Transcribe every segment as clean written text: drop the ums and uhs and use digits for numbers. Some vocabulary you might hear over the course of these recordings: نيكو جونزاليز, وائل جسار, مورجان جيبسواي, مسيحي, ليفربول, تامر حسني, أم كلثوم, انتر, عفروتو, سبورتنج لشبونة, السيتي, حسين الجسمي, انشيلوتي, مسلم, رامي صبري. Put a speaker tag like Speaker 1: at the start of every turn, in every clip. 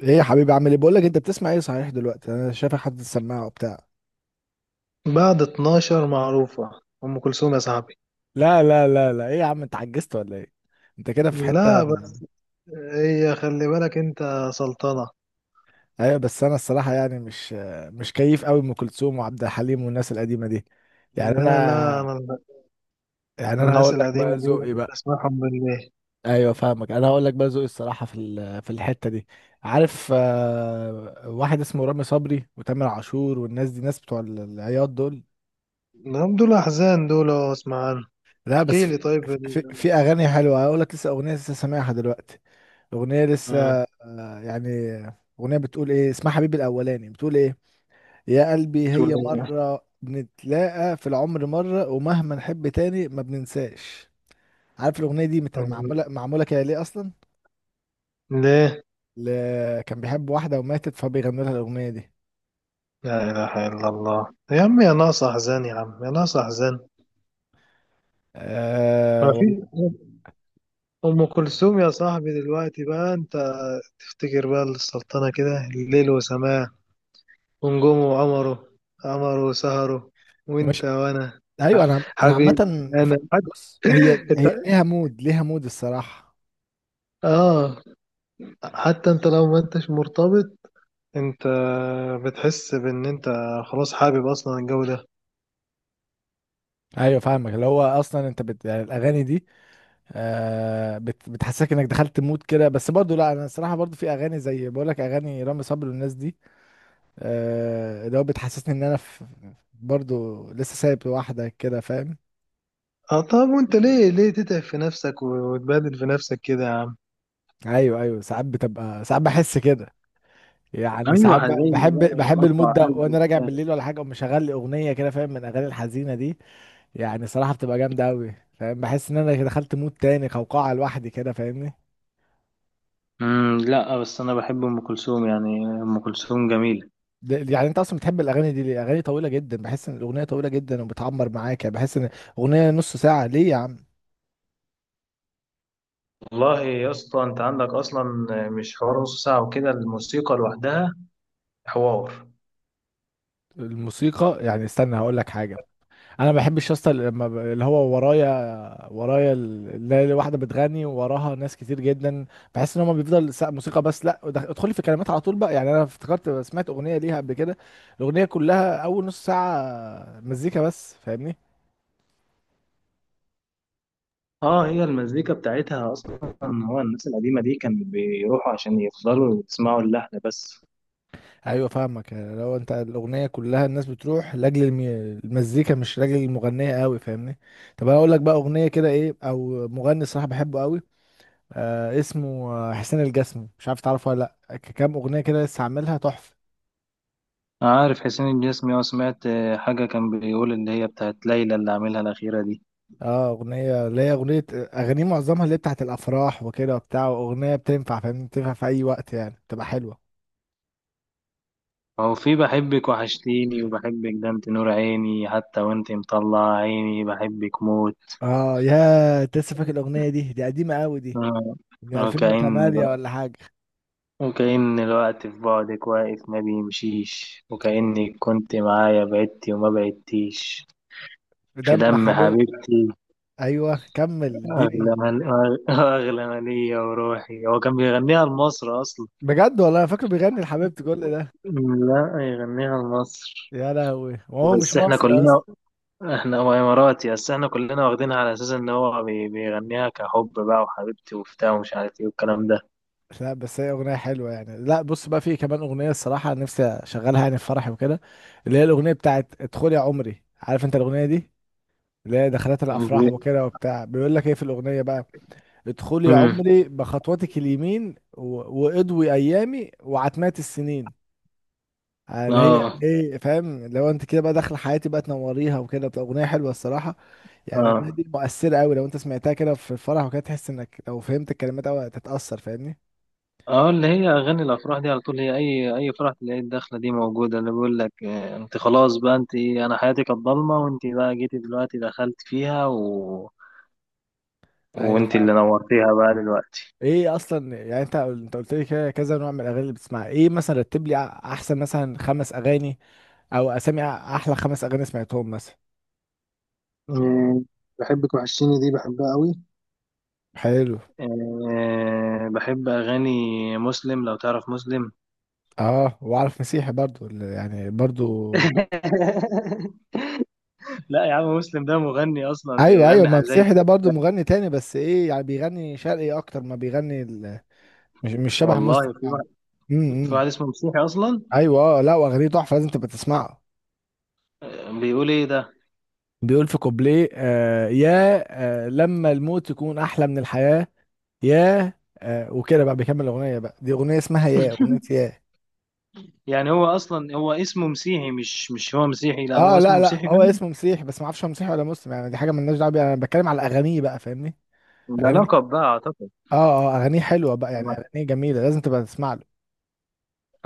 Speaker 1: ايه يا حبيبي، عامل ايه؟ بقول لك، انت بتسمع ايه صحيح دلوقتي؟ انا شايفك حاطط السماعه وبتاع.
Speaker 2: بعد 12 معروفة، أم كلثوم يا صاحبي.
Speaker 1: لا لا لا لا، ايه يا عم، انت عجزت ولا ايه؟ انت كده في حته
Speaker 2: لا بس، هي خلي بالك أنت سلطنة.
Speaker 1: ايوه بس انا الصراحه يعني مش كيف قوي ام كلثوم وعبد الحليم والناس القديمه دي. يعني
Speaker 2: لا لا،
Speaker 1: انا يعني انا هقول
Speaker 2: الناس
Speaker 1: لك بقى
Speaker 2: القديمة دي
Speaker 1: ذوقي
Speaker 2: بحب
Speaker 1: بقى.
Speaker 2: أسمعهم بالليل.
Speaker 1: ايوه فاهمك، انا هقول لك بقى ذوقي الصراحه في الحته دي. عارف، واحد اسمه رامي صبري وتامر عاشور، والناس دي ناس بتوع العياط دول.
Speaker 2: نعم، دول أحزان دول، أسمع عنهم.
Speaker 1: لا بس
Speaker 2: احكي لي، طيب،
Speaker 1: في اغاني حلوه، اقول لك لسه اغنيه لسه سامعها دلوقتي. اغنيه لسه
Speaker 2: آه،
Speaker 1: آه، يعني اغنيه بتقول ايه، اسمها حبيبي الاولاني، بتقول ايه يا قلبي
Speaker 2: تقول
Speaker 1: هي
Speaker 2: إيه؟
Speaker 1: مره بنتلاقى في العمر مره، ومهما نحب تاني ما بننساش. عارف الاغنيه دي
Speaker 2: طب
Speaker 1: معموله كده ليه اصلا؟
Speaker 2: ليه؟
Speaker 1: ل... كان بيحب واحده وماتت، فبيغنوا لها الاغنيه دي.
Speaker 2: لا إله إلا الله، يا عم يا ناقص أحزان، يا عم يا ناقص أحزان.
Speaker 1: آه
Speaker 2: ما
Speaker 1: والله.
Speaker 2: في. أم كلثوم يا صاحبي دلوقتي بقى. أنت تفتكر بقى السلطنة كده، الليل وسماه ونجومه وقمره، قمره وسهره، وانت
Speaker 1: مش.
Speaker 2: وانا.
Speaker 1: ايوه،
Speaker 2: ح-
Speaker 1: انا عامه
Speaker 2: حبيبي انا.
Speaker 1: بص، هي
Speaker 2: حتى
Speaker 1: ليها مود، ليها مود الصراحه.
Speaker 2: اه حتى انت لو ما انتش مرتبط، انت بتحس بان انت خلاص حابب اصلا الجو ده.
Speaker 1: ايوه فاهمك، اللي هو اصلا انت يعني الاغاني دي، بتحسسك انك دخلت مود كده. بس برضو لا، انا الصراحه برضو في اغاني زي بقول لك، اغاني رامي صبري والناس دي. آه، اللي هو بتحسسني ان انا برضو لسه سايب واحده كده، فاهم؟
Speaker 2: اه طب، وانت ليه تتعب في نفسك وتبهدل في نفسك كده يا عم؟
Speaker 1: ايوه ايوه، ساعات بتبقى، ساعات بحس كده. يعني
Speaker 2: ايوه،
Speaker 1: ساعات
Speaker 2: حزيني
Speaker 1: بحب
Speaker 2: بقى
Speaker 1: بحب
Speaker 2: يتقطع
Speaker 1: المود ده
Speaker 2: قلبي
Speaker 1: وانا راجع
Speaker 2: وبتاع.
Speaker 1: بالليل ولا حاجه، ومشغل لي اغنيه كده، فاهم؟ من الاغاني الحزينه دي. يعني صراحه بتبقى جامده قوي، فاهم؟ بحس ان انا دخلت مود تاني، قوقعه لوحدي كده، فاهمني؟
Speaker 2: لا بس انا بحب ام كلثوم، يعني ام كلثوم جميله.
Speaker 1: يعني انت اصلا بتحب الاغاني دي ليه؟ اغاني طويله جدا، بحس ان الاغنيه طويله جدا وبتعمر معاك. يعني بحس ان اغنيه نص ساعه ليه يا عم؟
Speaker 2: والله يا اسطى، انت عندك اصلا مش حوار نص ساعة وكده، الموسيقى لوحدها حوار.
Speaker 1: الموسيقى يعني، استنى هقول لك حاجه. انا ما بحبش يا اسطى لما اللي هو ورايا، ورايا اللي هي واحده بتغني، ووراها ناس كتير جدا. بحس ان هم بيفضل موسيقى بس. لا ادخلي في كلمات على طول بقى. يعني انا افتكرت سمعت اغنيه ليها قبل كده، الاغنيه كلها اول نص ساعه مزيكا بس، فاهمني؟
Speaker 2: اه، هي المزيكا بتاعتها اصلا، هو الناس القديمه دي كانوا بيروحوا عشان يفضلوا يسمعوا اللحن بس.
Speaker 1: ايوه فاهمك. يعني لو انت الاغنيه كلها الناس بتروح لاجل المزيكا مش لاجل المغنيه قوي، فاهمني؟ طب انا اقول لك بقى اغنيه كده ايه، او مغني الصراحه بحبه قوي. آه اسمه، حسين الجسمي، مش عارف تعرفه ولا لا؟ كام اغنيه كده لسه عاملها تحفه.
Speaker 2: عارف حسين الجسمي، سمعت حاجه كان بيقول، اللي هي بتاعت ليلى، اللي عاملها الاخيره دي.
Speaker 1: اه اغنيه، اللي هي اغنيه اغانيه معظمها اللي هي بتاعت الافراح وكده وبتاع، اغنيه بتنفع فاهمني، بتنفع في اي وقت يعني، بتبقى حلوه.
Speaker 2: هو في بحبك، وحشتيني، وبحبك ده، انت نور عيني، حتى وانت مطلع عيني بحبك موت.
Speaker 1: اه يا أنت، لسه فاكر الاغنيه دي؟ دي قديمه قوي دي،
Speaker 2: آه،
Speaker 1: من
Speaker 2: وكأن
Speaker 1: 2008
Speaker 2: الو-
Speaker 1: ولا حاجه.
Speaker 2: وكأن الوقت في بعدك واقف ما بيمشيش، وكأنك كنت معايا، بعدتي وما بعدتيش، في
Speaker 1: دم
Speaker 2: دم
Speaker 1: حبيب.
Speaker 2: حبيبتي،
Speaker 1: ايوه كمل
Speaker 2: أغلى
Speaker 1: اديني.
Speaker 2: من أغ- أغلى من ليا وروحي. هو كان بيغنيها لمصر أصلا.
Speaker 1: بجد والله انا فاكره بيغني لحبيبتي كل ده.
Speaker 2: لا، يغنيها لمصر،
Speaker 1: يا لهوي، وهو مش
Speaker 2: بس احنا
Speaker 1: مصري اصلا.
Speaker 2: كلنا، احنا هو إماراتي، بس احنا كلنا واخدينها على أساس إن هو بيغنيها كحب بقى، وحبيبتي وبتاع، ومش عارف إيه والكلام ده.
Speaker 1: لا بس هي اغنيه حلوه يعني. لا بص بقى، في كمان اغنيه الصراحه نفسي اشغلها يعني في فرحي وكده، اللي هي الاغنيه بتاعت ادخل يا عمري. عارف انت الاغنيه دي؟ اللي هي دخلات
Speaker 2: امم
Speaker 1: الافراح وكده وبتاع. بيقول لك ايه في الاغنيه بقى: ادخل يا عمري بخطوتك اليمين واضوي ايامي وعتمات السنين. اللي هي
Speaker 2: اه
Speaker 1: ايه، فاهم؟ لو انت كده بقى داخله حياتي بقى، تنوريها وكده. بتبقى اغنيه حلوه الصراحه. يعني الاغنيه
Speaker 2: اه
Speaker 1: دي مؤثره قوي، لو انت سمعتها كده في الفرح وكده، تحس انك لو فهمت الكلمات قوي هتتاثر، فاهمني؟
Speaker 2: اه اللي هي اغاني الافراح دي على طول، هي اي فرح تلاقي الدخله دي موجوده، اللي بيقول لك انت خلاص بقى، انا حياتي كانت ضلمه، وانت بقى جيتي دلوقتي دخلت فيها و...
Speaker 1: ايوه
Speaker 2: وانت اللي
Speaker 1: فاهمك.
Speaker 2: نورتيها بقى دلوقتي.
Speaker 1: ايه اصلا، يعني انت، انت قلت لي كده كذا نوع من الاغاني اللي بتسمعها. ايه مثلا، رتب لي احسن مثلا خمس اغاني، او اسامي احلى خمس اغاني سمعتهم مثلا.
Speaker 2: آه، بحبك وحشتيني دي بحبها قوي.
Speaker 1: حلو.
Speaker 2: بحب أغاني مسلم، لو تعرف مسلم.
Speaker 1: اه، واعرف مسيحي برضو يعني برضو.
Speaker 2: لا يا عم، مسلم ده مغني أصلا،
Speaker 1: ايوه ايوه،
Speaker 2: بيغني
Speaker 1: ما
Speaker 2: حزين.
Speaker 1: مسيحي ده برضو مغني تاني، بس ايه يعني، بيغني شرقي اكتر ما بيغني. مش شبه
Speaker 2: والله،
Speaker 1: مسلم
Speaker 2: في
Speaker 1: يعني.
Speaker 2: واحد،
Speaker 1: امم امم.
Speaker 2: اسمه مسيحي أصلا.
Speaker 1: ايوه اه لا، واغانيه تحفه لازم تبقى تسمعه.
Speaker 2: آه، بيقول إيه ده؟
Speaker 1: بيقول في كوبليه: آه يا، آه، لما الموت يكون احلى من الحياه، يا، آه، وكده بقى. بيكمل الاغنيه بقى. دي اغنيه اسمها يا اغنيه يا.
Speaker 2: يعني هو أصلا هو اسمه مسيحي، مش هو مسيحي؟ لا،
Speaker 1: اه
Speaker 2: هو اسمه
Speaker 1: لا لا،
Speaker 2: مسيحي
Speaker 1: هو
Speaker 2: فعلا.
Speaker 1: اسمه مسيح، بس ما اعرفش هو مسيحي ولا مسلم، يعني دي حاجه مالناش دعوه بيها، انا بتكلم على اغانيه بقى، فاهمني؟
Speaker 2: ده
Speaker 1: اغانيه،
Speaker 2: لقب بقى أعتقد.
Speaker 1: اه. اه اغانيه حلوه بقى، يعني
Speaker 2: أنا
Speaker 1: اغانيه جميله، لازم تبقى تسمع له.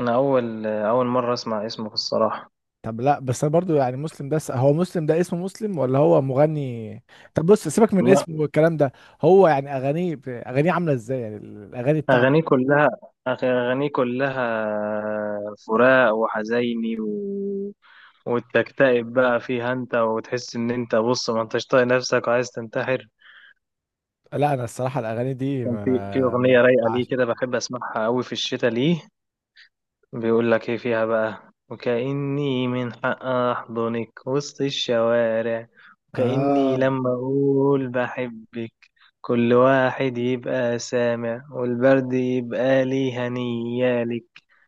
Speaker 2: أنا أول أول مرة أسمع اسمه في الصراحة.
Speaker 1: طب لا، بس انا برضو يعني مسلم ده هو مسلم ده اسمه مسلم، ولا هو مغني؟ طب بص، سيبك من
Speaker 2: لا،
Speaker 1: اسمه والكلام ده. هو يعني اغانيه اغانيه عامله ازاي، يعني الاغاني
Speaker 2: أغانيه
Speaker 1: بتاعته؟
Speaker 2: كلها أغانيه كلها فراق وحزيني، و... وتكتئب بقى فيها أنت، وتحس إن أنت، بص، ما أنتش طايق نفسك وعايز تنتحر.
Speaker 1: لا انا الصراحه الاغاني دي
Speaker 2: كان في
Speaker 1: ما
Speaker 2: أغنية
Speaker 1: ب-
Speaker 2: رايقة ليه
Speaker 1: بعش-
Speaker 2: كده بحب أسمعها أوي في الشتاء. ليه بيقول لك ايه فيها بقى، وكأني من حق احضنك وسط الشوارع، وكأني
Speaker 1: آه.
Speaker 2: لما اقول بحبك كل واحد يبقى سامع، والبرد يبقى لي، هنيالك،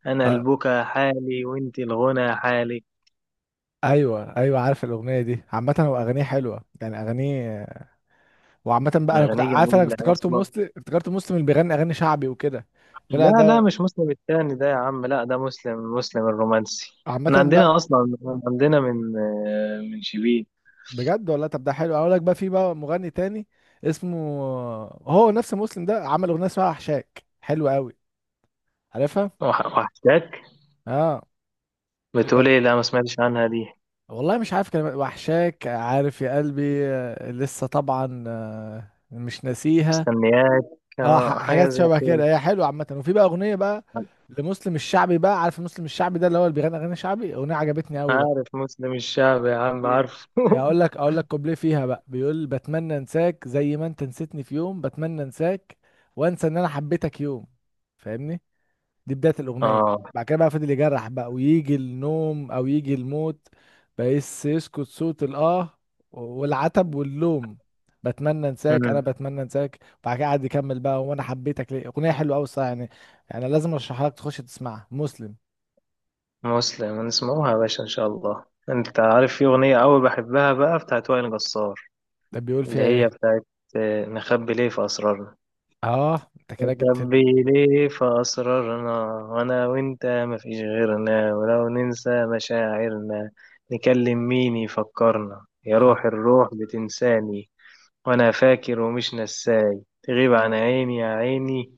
Speaker 2: انا
Speaker 1: اه
Speaker 2: البكا حالي وانت الغنى حالك.
Speaker 1: ايوه ايوه، عارف الاغنيه دي عامه. هو اغانيه حلوه يعني اغانيه. وعامه بقى، انا كنت
Speaker 2: اغاني
Speaker 1: عارف، انا
Speaker 2: جميلة
Speaker 1: افتكرته
Speaker 2: اصلا.
Speaker 1: مسلم، افتكرته مسلم اللي بيغني اغاني شعبي وكده. طلع
Speaker 2: لا لا،
Speaker 1: ده.
Speaker 2: مش مسلم التاني ده يا عم. لا، ده مسلم الرومانسي. من
Speaker 1: عامه
Speaker 2: عندنا
Speaker 1: بقى.
Speaker 2: اصلا، من عندنا، من شبيه.
Speaker 1: بجد والله. طب ده حلو اقول لك بقى، في بقى مغني تاني اسمه، هو نفس مسلم ده عمل اغنيه اسمها وحشاك، حلوه قوي. عارفها؟
Speaker 2: وحشتك،
Speaker 1: اه. يبقى-
Speaker 2: بتقول ايه؟ لا ما سمعتش عنها دي.
Speaker 1: والله مش عارف كلمات وحشاك، عارف يا قلبي، لسه طبعا، مش ناسيها.
Speaker 2: مستنياك،
Speaker 1: اه
Speaker 2: آه، حاجة
Speaker 1: حاجات
Speaker 2: زي
Speaker 1: شبه
Speaker 2: كده.
Speaker 1: كده، هي حلوه عامه. وفي بقى اغنيه بقى لمسلم الشعبي بقى، عارف مسلم الشعبي ده اللي هو اللي بيغني اغاني شعبي؟ اغنيه عجبتني
Speaker 2: أنا
Speaker 1: قوي بقى.
Speaker 2: عارف مسلم الشعب يا عم،
Speaker 1: إيه،
Speaker 2: عارفه.
Speaker 1: اقول لك، اقول لك كوبليه فيها بقى، بيقول: بتمنى انساك زي ما انت نسيتني في يوم، بتمنى انساك، وانسى ان انا حبيتك يوم. فاهمني؟ دي بداية الاغنية.
Speaker 2: آه.
Speaker 1: بعد كده بقى فضل يجرح بقى، ويجي النوم او يجي الموت، بس يسكت صوت الاه والعتب واللوم. بتمنى انساك، انا
Speaker 2: أمم،
Speaker 1: بتمنى انساك. بعد كده قعد يكمل بقى، وانا حبيتك ليه. اغنية حلوة قوي الصراحة، يعني لازم ارشحها لك، تخش تسمعها مسلم.
Speaker 2: مسلم نسمعوها يا باشا إن شاء الله. أنت عارف في أغنية أوي بحبها بقى، بتاعت وائل جسار،
Speaker 1: ده بيقول فيها
Speaker 2: اللي هي
Speaker 1: ايه؟
Speaker 2: بتاعت نخبي ليه في أسرارنا.
Speaker 1: اه انت كده جيت في
Speaker 2: نخبي ليه في أسرارنا، وأنا وأنت مفيش غيرنا، ولو ننسى مشاعرنا نكلم مين يفكرنا؟ يا
Speaker 1: ال...
Speaker 2: روح الروح، بتنساني وانا فاكر ومش نساي، تغيب عن عيني يا عيني،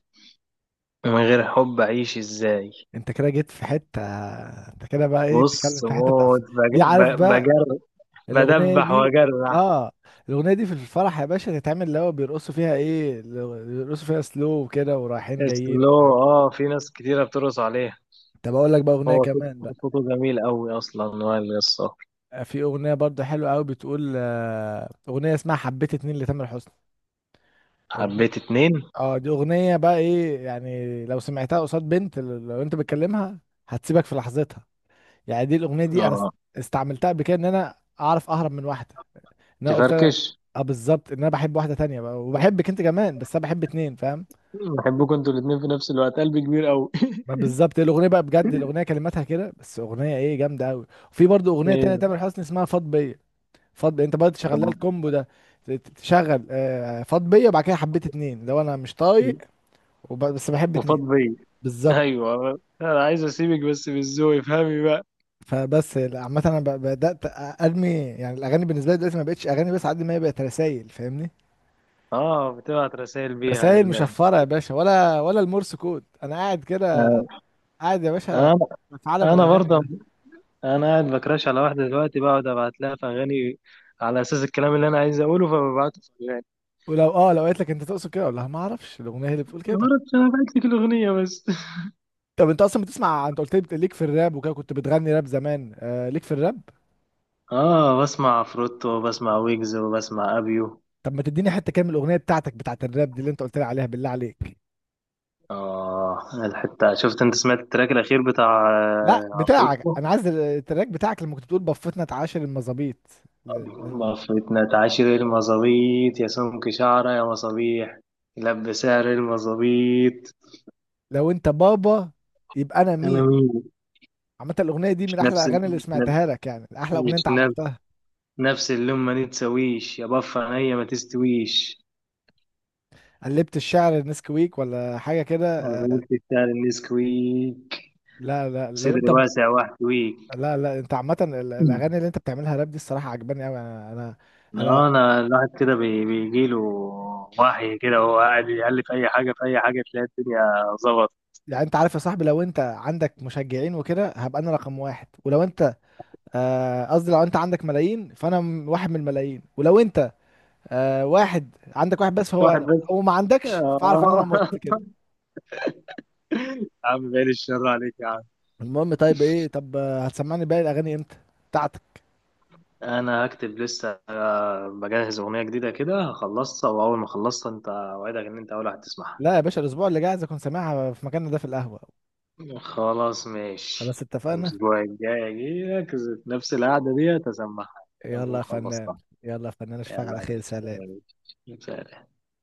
Speaker 2: من غير حب اعيش ازاي؟
Speaker 1: انت كده جيت في حته. انت كده بقى ايه بتتكلم
Speaker 2: بص،
Speaker 1: في حته تقف؟
Speaker 2: موت،
Speaker 1: دي عارف بقى
Speaker 2: بجر،
Speaker 1: الاغنيه
Speaker 2: بدبح
Speaker 1: دي؟
Speaker 2: واجرح.
Speaker 1: اه. الاغنيه دي في الفرح يا باشا تتعمل، اللي هو بيرقصوا فيها ايه، بيرقصوا فيها سلو وكده، ورايحين جايين.
Speaker 2: اسلو، في ناس كتيرة بترقص عليها.
Speaker 1: طب اقول لك بقى اغنيه
Speaker 2: هو صوت
Speaker 1: كمان بقى.
Speaker 2: صوته جميل قوي، اصلا وائل جسار.
Speaker 1: في اغنيه برضه حلوه قوي بتقول، اغنيه اسمها حبيت اتنين لتامر حسني. اغنيه،
Speaker 2: حبيت اتنين،
Speaker 1: اه دي اغنيه بقى ايه، يعني لو سمعتها قصاد بنت لو انت بتكلمها، هتسيبك في لحظتها. يعني دي الاغنيه دي انا
Speaker 2: اه
Speaker 1: استعملتها قبل كده ان انا اعرف اهرب من واحده. إن انا قلت لها،
Speaker 2: تفركش.
Speaker 1: اه بالظبط، ان انا بحب واحده تانية بقى، وبحبك انت كمان، بس انا بحب اتنين، فاهم؟
Speaker 2: بحبكم انتوا الاتنين في نفس الوقت، قلبي كبير قوي.
Speaker 1: بقى بالظبط، الاغنيه بقى بجد، الاغنيه كلماتها كده، بس اغنيه ايه جامده قوي. وفي برضو اغنيه
Speaker 2: ايه؟
Speaker 1: تانية تامر حسني اسمها فاض بيا. فاض بيا، انت برضه تشغل لها
Speaker 2: طب،
Speaker 1: الكومبو ده، تشغل فاض بيا، وبعد كده حبيت اتنين، لو انا مش طايق، بس بحب اتنين.
Speaker 2: وفاض بيا.
Speaker 1: بالظبط.
Speaker 2: ايوه، انا عايز اسيبك بس بالذوق، افهمي بقى.
Speaker 1: فبس لا، عامة انا بدأت ارمي، يعني الاغاني بالنسبة لي دلوقتي ما بقتش اغاني بس، على قد ما هي بقت رسايل، فاهمني؟
Speaker 2: اه، بتبعت رسائل بيها
Speaker 1: رسايل
Speaker 2: لله.
Speaker 1: مشفرة يا باشا، ولا المورس كود. انا قاعد كده، قاعد يا باشا
Speaker 2: انا
Speaker 1: في عالم
Speaker 2: انا
Speaker 1: الاغاني
Speaker 2: برضه
Speaker 1: ده.
Speaker 2: انا قاعد بكراش على واحده دلوقتي، بقعد ابعت لها في اغاني على اساس الكلام اللي انا عايز اقوله، فببعته في اغاني.
Speaker 1: ولو، اه، لو قالت لك انت تقصد كده، اقول لها ما اعرفش، الاغنيه هي اللي بتقول كده.
Speaker 2: غلط، انا بعت لك الاغنيه بس.
Speaker 1: طب انت اصلا بتسمع، انت قلت لي ليك في الراب وكده، كنت بتغني راب زمان، آه ليك في الراب.
Speaker 2: اه، بسمع عفروتو، وبسمع ويجز، وبسمع ابيو.
Speaker 1: طب ما تديني حته كام الاغنيه بتاعتك بتاعت الراب دي اللي انت قلت لي عليها، بالله عليك.
Speaker 2: اه، الحته، شفت انت سمعت التراك الاخير بتاع
Speaker 1: لا بتاعك،
Speaker 2: عفروتو؟
Speaker 1: انا عايز التراك بتاعك لما كنت بتقول: بفتنا اتعاشر المظابيط. ل- ل-
Speaker 2: مفتنا تعاشر المظابيط يا سمك شعره يا مصابيح، لب سعر المظابيط.
Speaker 1: لو انت بابا، يبقى انا
Speaker 2: انا
Speaker 1: مين؟
Speaker 2: مين؟
Speaker 1: عامه الاغنيه دي
Speaker 2: مش
Speaker 1: من احلى
Speaker 2: نفس
Speaker 1: الاغاني اللي
Speaker 2: مش نفس
Speaker 1: سمعتها لك، يعني احلى اغنيه
Speaker 2: مش
Speaker 1: انت عملتها.
Speaker 2: نفس اللون، ما نتسويش يا بف عينيا ما تستويش.
Speaker 1: قلبت الشعر نسكويك ولا حاجه
Speaker 2: انا
Speaker 1: كده.
Speaker 2: قلت بتاع النسكويك،
Speaker 1: لا لا لو
Speaker 2: صدري
Speaker 1: انت ب...
Speaker 2: واسع واحتويك.
Speaker 1: لا لا انت عامة الاغاني اللي انت بتعملها راب دي الصراحة عجباني قوي، انا.
Speaker 2: لا،
Speaker 1: انا
Speaker 2: انا الواحد كده بيجيله وحي كده، وهو قاعد يقلب في اي حاجه، في اي حاجه تلاقي الدنيا ظبط.
Speaker 1: يعني انت عارف يا صاحبي، لو انت عندك مشجعين وكده هبقى انا رقم واحد، ولو انت، قصدي لو انت عندك ملايين، فانا واحد من الملايين، ولو انت، واحد عندك واحد بس، فهو
Speaker 2: واحد
Speaker 1: انا،
Speaker 2: بس؟
Speaker 1: لو ما عندكش فاعرف ان انا
Speaker 2: آه.
Speaker 1: مت كده.
Speaker 2: يا عم بعيد الشر عليك يا عم.
Speaker 1: المهم، طيب ايه؟ طب، هتسمعني باقي الاغاني امتى بتاعتك؟
Speaker 2: انا هكتب لسه، بجهز اغنيه جديده كده، هخلصها، واول ما اخلصها انت اوعدك ان انت اول واحد تسمعها.
Speaker 1: لا يا باشا، الاسبوع اللي جاي عايز اكون سامعها في مكاننا ده في القهوة.
Speaker 2: خلاص،
Speaker 1: خلاص
Speaker 2: ماشي.
Speaker 1: اتفقنا.
Speaker 2: الأسبوع الجاي أجيلك، نفس القعدة دي أسمعها،
Speaker 1: يلا
Speaker 2: أكون
Speaker 1: يا فنان.
Speaker 2: خلصتها.
Speaker 1: يلا يا فنان، اشوفك
Speaker 2: يلا
Speaker 1: على
Speaker 2: يا
Speaker 1: خير،
Speaker 2: باشا،
Speaker 1: سلام.
Speaker 2: يلا يا باشا.